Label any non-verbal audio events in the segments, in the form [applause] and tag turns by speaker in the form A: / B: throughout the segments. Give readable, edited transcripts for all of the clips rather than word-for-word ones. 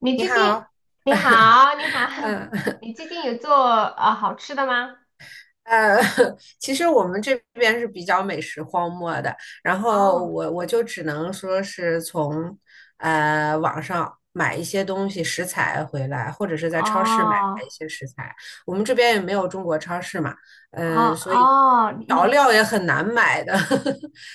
A: 你
B: 你
A: 最近
B: 好，
A: 你好，你好，
B: 嗯
A: [laughs] 你最近有做好吃的吗？
B: 呃，[laughs] 其实我们这边是比较美食荒漠的，然后
A: 哦
B: 我就只能说是从网上买一些东西食材回来，或者是在超市买
A: 哦
B: 一些食材。我们这边也没有中国超市嘛，
A: 哦
B: 所以
A: 哦，
B: 调
A: 你
B: 料也很难买的。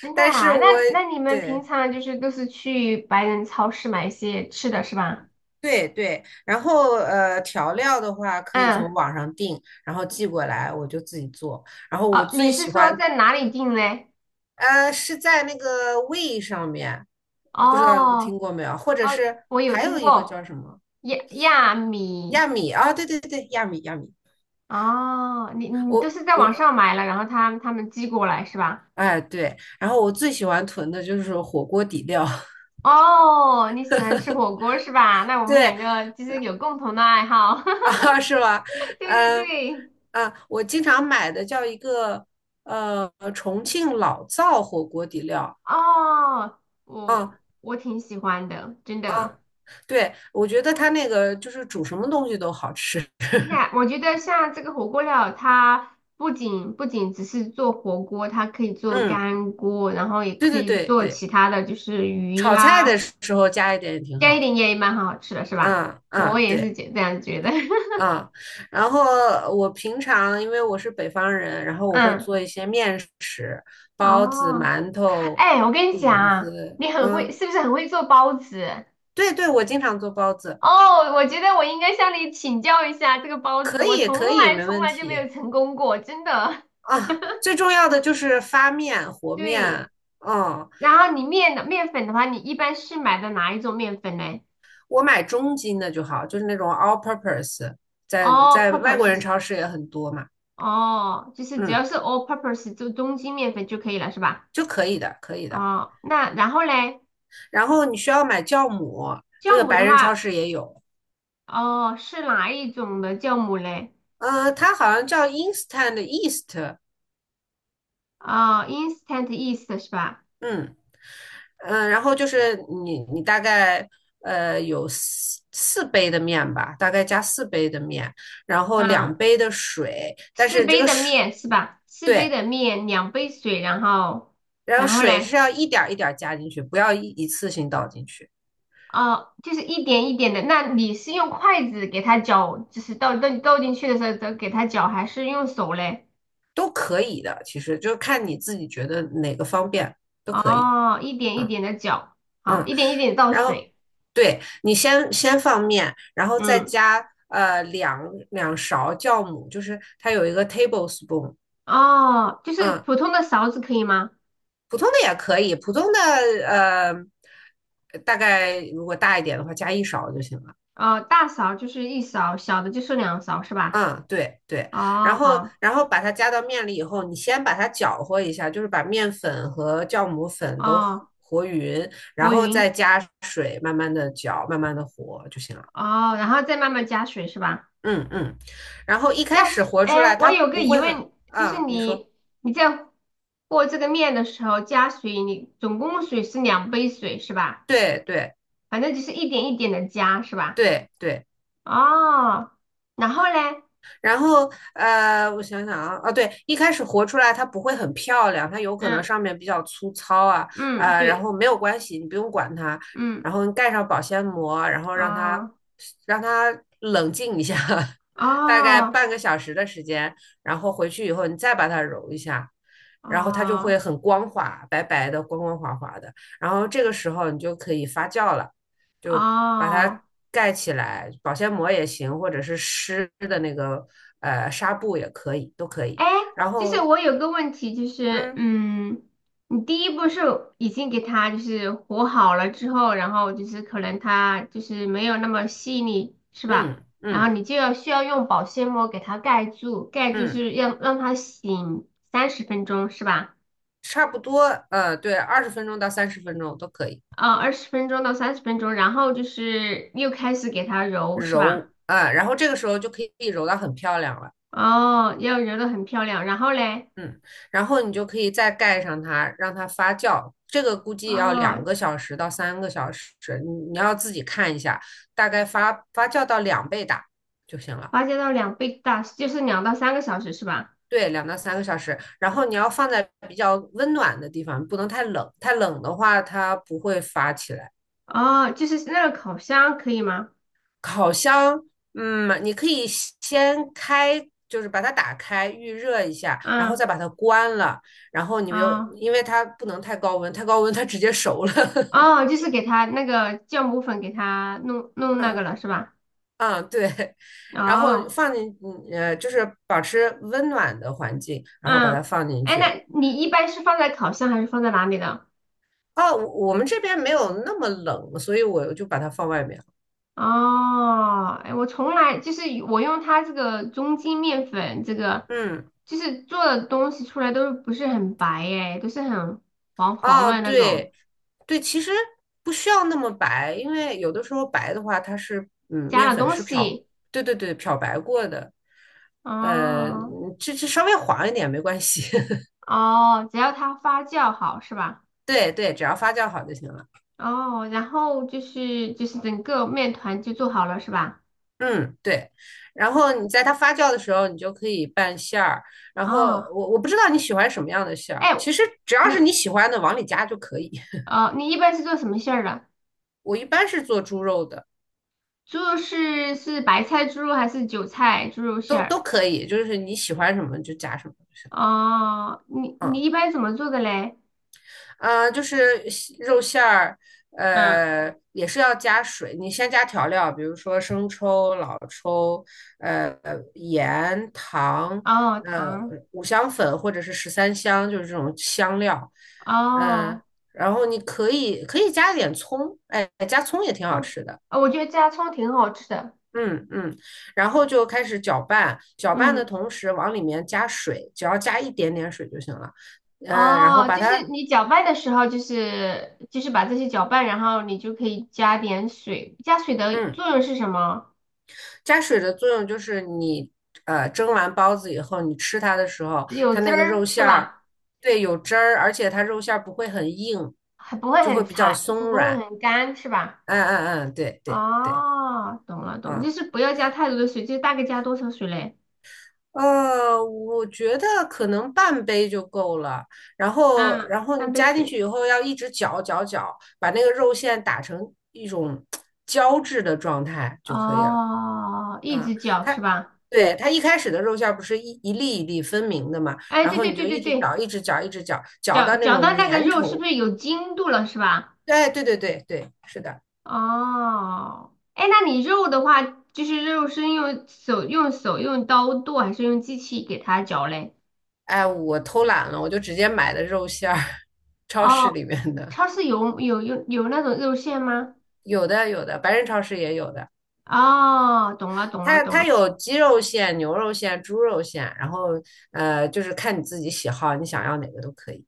A: 真 的
B: 但是
A: 啊？
B: 我
A: 那你们平
B: 对
A: 常就是都是去白人超市买一些吃的是吧？
B: 对对，然后调料的话可以
A: 嗯。
B: 从网上订，然后寄过来我就自己做。然后我
A: 哦，
B: 最
A: 你是
B: 喜
A: 说
B: 欢
A: 在哪里订嘞？
B: 是在那个胃上面，不知道你
A: 哦
B: 听过没有？或者
A: 哦，
B: 是
A: 我有
B: 还有
A: 听
B: 一个叫
A: 过
B: 什么
A: 亚米。
B: 亚米啊？对对对，亚米亚米，
A: 哦，你你都
B: 我
A: 是在网
B: 我
A: 上买了，然后他们寄过来是吧？
B: 哎对，然后我最喜欢囤的就是火锅底料，
A: 哦，你喜欢吃火锅是吧？那我
B: [laughs]
A: 们
B: 对
A: 两个就是有共同的爱好。
B: 啊是吧？
A: [laughs] 对对
B: 嗯
A: 对。
B: 我经常买的叫一个重庆老灶火锅底料，
A: 哦，我
B: 啊
A: 我挺喜欢的，真
B: 啊，
A: 的。
B: 对，我觉得它那个就是煮什么东西都好吃，
A: 真的，我觉得像这个火锅料，它不仅只是做火锅，它可以做
B: 嗯，
A: 干锅，然后也
B: 对
A: 可
B: 对
A: 以
B: 对
A: 做
B: 对。
A: 其他的，就是鱼
B: 炒菜的
A: 呀、
B: 时候加一点也挺
A: 加
B: 好
A: 一
B: 的。
A: 点盐也蛮好吃的，是吧？
B: 嗯
A: 我
B: 嗯，
A: 也是
B: 对，
A: 觉这样觉得。
B: 嗯。然后我平常因为我是北方人，然
A: [laughs]
B: 后我会
A: 嗯。
B: 做一些面食，包子、
A: 哦，
B: 馒头、
A: 哎，我跟你讲
B: 饼
A: 啊
B: 子。
A: 你很会，
B: 嗯，
A: 是不是很会做包子？
B: 对对，我经常做包子，
A: 哦，我觉得我应该向你请教一下这个包子，
B: 可
A: 我
B: 以
A: 从
B: 可以，
A: 来
B: 没
A: 从
B: 问
A: 来就没
B: 题。
A: 有成功过，真的。
B: 啊，最重要的就是发面、
A: [laughs]
B: 和
A: 对。
B: 面。嗯，
A: 然后你面的面粉的话，你一般是买的哪一种面粉呢
B: 我买中筋的就好，就是那种 all purpose，在
A: ？All
B: 在外国人
A: purpose，
B: 超市也很多嘛。
A: 哦，就是只要
B: 嗯，
A: 是 all purpose 就中筋面粉就可以了，是吧？
B: 就可以的，可以的。
A: 哦，那然后嘞？
B: 然后你需要买酵母，这
A: 酵
B: 个
A: 母
B: 白
A: 的
B: 人超
A: 话，
B: 市也有，
A: 哦，是哪一种的酵母嘞？
B: 它好像叫 Instant east
A: 哦，instant yeast 是吧？
B: 嗯然后就是你大概有四杯的面吧，大概加四杯的面，然后两
A: 嗯，
B: 杯的水，但
A: 四
B: 是这
A: 杯
B: 个
A: 的
B: 水
A: 面是吧？四杯
B: 对，
A: 的面，两杯水，然后
B: 然后
A: 然后
B: 水
A: 嘞。
B: 是要一点一点加进去，不要一次性倒进去，
A: 啊，就是一点一点的。那你是用筷子给它搅，就是倒进去的时候，再给它搅，还是用手嘞？
B: 都可以的，其实就看你自己觉得哪个方便都可以，
A: 哦，一点一点的搅，好，
B: 嗯。
A: 一点一点地倒
B: 然后
A: 水。
B: 对你先放面，然后再
A: 嗯。
B: 加两勺酵母，就是它有一个 tablespoon，
A: 哦，就是
B: 嗯，
A: 普通的勺子可以吗？
B: 普通的也可以，普通的呃大概如果大一点的话加1勺就行了。
A: 哦，大勺就是一勺，小的就是两勺，是吧？
B: 嗯，对对，
A: 哦，
B: 然后
A: 好。
B: 然后把它加到面里以后，你先把它搅和一下，就是把面粉和酵母粉都
A: 哦，
B: 和匀，然
A: 和
B: 后再
A: 匀。
B: 加水，慢慢的搅，慢慢的和就行了。
A: 哦，然后再慢慢加水，是吧？
B: 嗯嗯，然后一开
A: 那是。
B: 始活出
A: 哎，
B: 来，
A: 我
B: 他
A: 有个
B: 不
A: 疑
B: 会很
A: 问，就是
B: 啊，你说
A: 你你在和这个面的时候加水，你总共水是两杯水是吧？
B: 对对
A: 反正就是一点一点的加是吧？
B: 对对，
A: 哦，然后嘞？
B: 然后我想想啊，啊对，一开始活出来它不会很漂亮，它有可能
A: 嗯
B: 上面比较粗糙啊
A: 嗯，
B: 啊、然
A: 对。
B: 后没有关系，你不用管它，
A: 嗯。
B: 然后你盖上保鲜膜，然后让它
A: 啊
B: 让它冷静一下，[laughs]
A: 啊
B: 大概
A: 啊
B: 半个小时的时间，然后回去以后你再把它揉一下。然后它就
A: 啊。
B: 会很光滑，白白的，光光滑滑的。然后这个时候你就可以发酵了，就把
A: 哦
B: 它盖起来，保鲜膜也行，或者是湿的那个纱布也可以，都可以。
A: 哎，
B: 然
A: 就是
B: 后，
A: 我有个问题，就是
B: 嗯
A: 你第一步是已经给它就是和好了之后，然后就是可能它就是没有那么细腻，是吧？
B: 嗯
A: 然后
B: 嗯
A: 你就要需要用保鲜膜给它盖住，盖住
B: 嗯，
A: 是要让它醒三十分钟，是吧？
B: 差不多，对，20分钟到30分钟都可以
A: 啊、20分钟到30分钟，然后就是又开始给它揉，是吧？
B: 揉啊，然后这个时候就可以揉到很漂亮了，
A: 哦，要揉的很漂亮，然后嘞？
B: 嗯，然后你就可以再盖上它，让它发酵。这个估计要两
A: 哦，
B: 个小时到三个小时，你要自己看一下，大概发酵到两倍大就行了。
A: 发酵到2倍大，就是2到3个小时，是吧？
B: 对，2到3个小时，然后你要放在比较温暖的地方，不能太冷，太冷的话它不会发起来。
A: 哦，就是那个烤箱可以吗？
B: 烤箱，你可以先开，就是把它打开预热一下，然后
A: 嗯。
B: 再把它关了，然后你又
A: 啊。
B: 因为它不能太高温，太高温它直接熟了。[laughs]
A: 哦，就是给它那个酵母粉给它弄那个
B: 嗯
A: 了是吧？
B: 嗯，对，然后
A: 哦。
B: 放进，就是保持温暖的环境，然后把它
A: 嗯。
B: 放进
A: 哎，
B: 去。
A: 那你一般是放在烤箱还是放在哪里的？
B: 哦，我们这边没有那么冷，所以我就把它放外面了
A: 哦，哎，我从来就是我用它这个中筋面粉，这个
B: 嗯。
A: 就是做的东西出来都不是很白哎，都是很黄黄
B: 哦，
A: 的那种，
B: 对，对，其实不需要那么白，因为有的时候白的话，它是
A: 加
B: 面
A: 了
B: 粉
A: 东
B: 是漂，
A: 西。
B: 对对对，漂白过的，呃，
A: 哦
B: 嗯这这稍微黄一点没关系，[laughs]
A: 哦，只要它发酵好是吧？
B: 对对，只要发酵好就行了。
A: 哦，然后就是整个面团就做好了是吧？
B: 嗯，对。然后你在它发酵的时候，你就可以拌馅儿。然后
A: 哦，
B: 我不知道你喜欢什么样的馅儿，
A: 哎，
B: 其实只要是
A: 你
B: 你喜欢的往里加就可以。
A: 哦，你一般是做什么馅儿的？
B: [laughs] 我一般是做猪肉的，
A: 猪肉是白菜猪肉还是韭菜猪肉馅
B: 都
A: 儿？
B: 都可以，就是你喜欢什么就加什么就行。
A: 哦，你你
B: 嗯。
A: 一般怎么做的嘞？
B: 嗯，就是西肉馅儿，
A: 嗯。
B: 也是要加水。你先加调料，比如说生抽、老抽，呃，盐、糖，
A: 哦，
B: 呃，
A: 糖。
B: 五香粉或者是十三香，就是这种香料。嗯、
A: 哦。
B: 然后你可以加点葱，哎，加葱也挺好
A: 嗯。
B: 吃的。
A: 哦我觉得加葱挺好吃的。
B: 嗯嗯，然后就开始搅拌，搅拌的
A: 嗯。
B: 同时往里面加水，只要加一点点水就行了。嗯、然后
A: 哦，
B: 把
A: 就是
B: 它，
A: 你搅拌的时候，就是把这些搅拌，然后你就可以加点水，加水的
B: 嗯。
A: 作用是什么？
B: 加水的作用就是你蒸完包子以后，你吃它的时候，
A: 有
B: 它
A: 汁
B: 那个
A: 儿
B: 肉
A: 是
B: 馅儿，
A: 吧？
B: 对，有汁儿，而且它肉馅儿不会很硬，
A: 还不会
B: 就会
A: 很
B: 比较
A: 柴，不
B: 松
A: 过会
B: 软。
A: 很干，是吧？
B: 嗯嗯嗯，对对对，
A: 哦，懂了懂了，就
B: 啊、
A: 是不要加太多的水，就大概加多少水嘞？
B: 我觉得可能半杯就够了。然后
A: 嗯，
B: 然后
A: 三
B: 你
A: 杯
B: 加进
A: 水。
B: 去以后，要一直搅搅搅，把那个肉馅打成一种胶质的状态就可以了。
A: 哦，一
B: 啊，
A: 直搅
B: 它
A: 是吧？
B: 对它一开始的肉馅儿不是一粒一粒分明的嘛，
A: 哎，
B: 然
A: 对
B: 后你
A: 对对
B: 就一
A: 对
B: 直搅，
A: 对，
B: 一直搅，一直搅，搅
A: 搅
B: 到那
A: 搅
B: 种
A: 到那个
B: 粘
A: 肉是
B: 稠。
A: 不是有筋度了是吧？
B: 对对对对对，是的。
A: 哦，哎，那你肉的话，就是肉是用刀剁还是用机器给它搅嘞？
B: 哎，我偷懒了，我就直接买的肉馅儿，[laughs] 超市
A: 哦，
B: 里面的
A: 超市有那种肉馅吗？
B: 有的有的，白人超市也有的。
A: 哦，懂了懂了
B: 它
A: 懂
B: 它
A: 了。
B: 有鸡肉馅、牛肉馅、猪肉馅，然后就是看你自己喜好，你想要哪个都可以。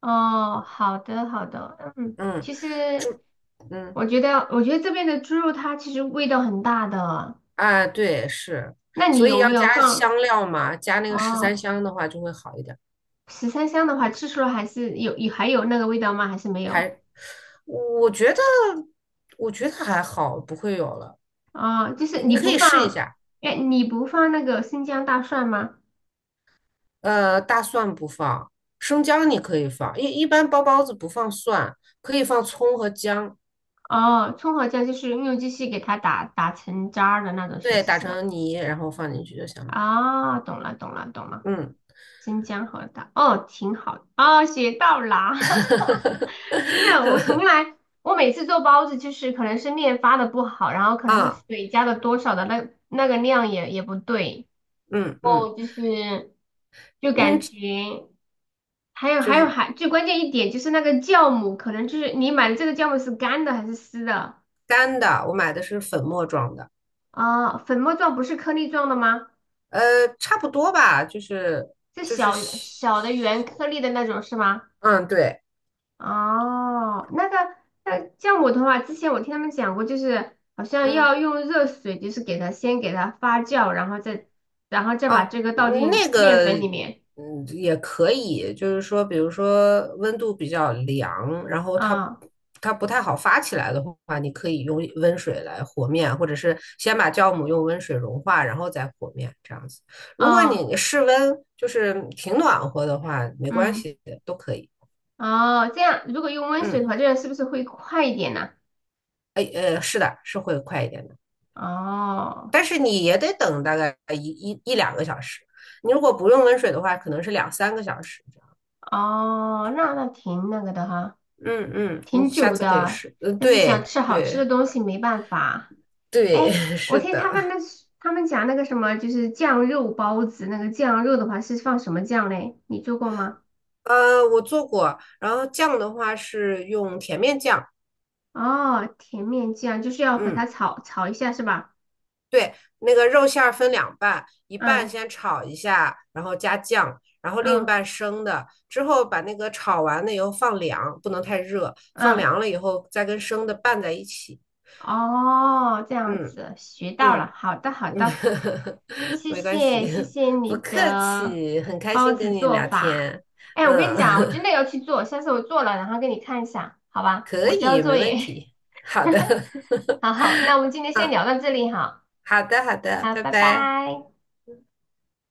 A: 哦，好的好的。嗯，
B: 嗯，
A: 其实
B: 猪，嗯。
A: 我觉得，我觉得这边的猪肉它其实味道很大的。
B: 啊，对，是，
A: 那你
B: 所以
A: 有没
B: 要
A: 有
B: 加
A: 放？
B: 香料嘛，加那个十三
A: 哦，
B: 香的话就会好一点。
A: 13香的话，吃出来还是有还有那个味道吗？还是没有？
B: 还，我觉得，我觉得还好，不会有了。
A: 哦，就是
B: 你
A: 你
B: 可
A: 不
B: 以试一
A: 放。
B: 下，
A: 哎，你不放那个生姜大蒜吗？
B: 大蒜不放，生姜你可以放，一般包子不放蒜，可以放葱和姜，
A: 哦，葱和姜就是用机器给它打成渣儿的那种形
B: 对，
A: 式
B: 打
A: 是吧？
B: 成泥然后放进去就行了。
A: 啊、懂了懂了懂了。
B: 嗯，
A: 生姜和大，哦，挺好，哦，学到啦。[laughs] 真的，我从
B: [laughs]
A: 来，我每次做包子就是可能是面发的不好，然后可能是
B: 啊，
A: 水加的多少的那个量也不对。
B: 嗯嗯
A: 哦，就是就
B: 嗯，
A: 感觉还有
B: 就
A: 还有
B: 是
A: 还最关键一点就是那个酵母，可能就是你买的这个酵母是干的还是湿的。
B: 干的，我买的是粉末状的。
A: 啊？粉末状不是颗粒状的吗？
B: 呃，差不多吧，就是
A: 是
B: 就是，
A: 小小的圆颗粒的那种是吗？
B: 嗯，对，
A: 哦，那个，那酵母的话，之前我听他们讲过，就是好像
B: 嗯
A: 要用热水，就是给它发酵，然后再，然后再把这个倒进
B: 那
A: 面
B: 个
A: 粉里面。
B: 也可以，就是说，比如说温度比较凉，然后它
A: 啊、
B: 它不太好发起来的话，你可以用温水来和面，或者是先把酵母用温水融化，然后再和面这样子。如果
A: 啊
B: 你室温就是挺暖和的话，没关
A: 嗯。
B: 系，都可以。
A: 哦，这样如果用温水的
B: 嗯，
A: 话，这样是不是会快一点呢？
B: 哎，是的，是会快一点的。
A: 哦。
B: 但是你也得等大概一两个小时。你如果不用温水的话，可能是两三个小时这样
A: 哦，那那挺那个的哈，
B: 嗯，你
A: 挺
B: 下
A: 久
B: 次可以
A: 的，
B: 试。嗯，
A: 但是想
B: 对
A: 吃好吃的
B: 对
A: 东西没办法。
B: 对，
A: 哎，
B: [laughs]
A: 我
B: 是
A: 听他们那
B: 的。
A: 是他们讲那个什么，就是酱肉包子，那个酱肉的话是放什么酱嘞？你做过吗？
B: 我做过，然后酱的话是用甜面酱。
A: 哦，甜面酱就是要和它
B: 嗯，
A: 炒炒一下是吧？
B: 对，那个肉馅儿分两半，一半
A: 嗯
B: 先炒一下，然后加酱，然后另一
A: 嗯
B: 半生的。之后把那个炒完了以后放凉，不能太热，放
A: 嗯。
B: 凉了以后再跟生的拌在一起。
A: 哦，这样
B: 嗯
A: 子学到了，
B: 嗯。
A: 好的好
B: 嗯，
A: 的。
B: [laughs]
A: 谢
B: 没关系，
A: 谢谢谢
B: [laughs] 不
A: 你
B: 客
A: 的
B: 气，很开
A: 包
B: 心跟
A: 子
B: 你
A: 做
B: 聊
A: 法。
B: 天。
A: 哎，我跟你
B: 嗯，
A: 讲，我真的要去做，下次我做了然后给你看一下，好
B: [laughs]
A: 吧？
B: 可
A: 我交
B: 以，没
A: 作
B: 问
A: 业。
B: 题。好的，[laughs]
A: [laughs] 好好，那我们今天先聊到这里哈。
B: 好的，好的，
A: 好，
B: 拜
A: 拜
B: 拜。
A: 拜。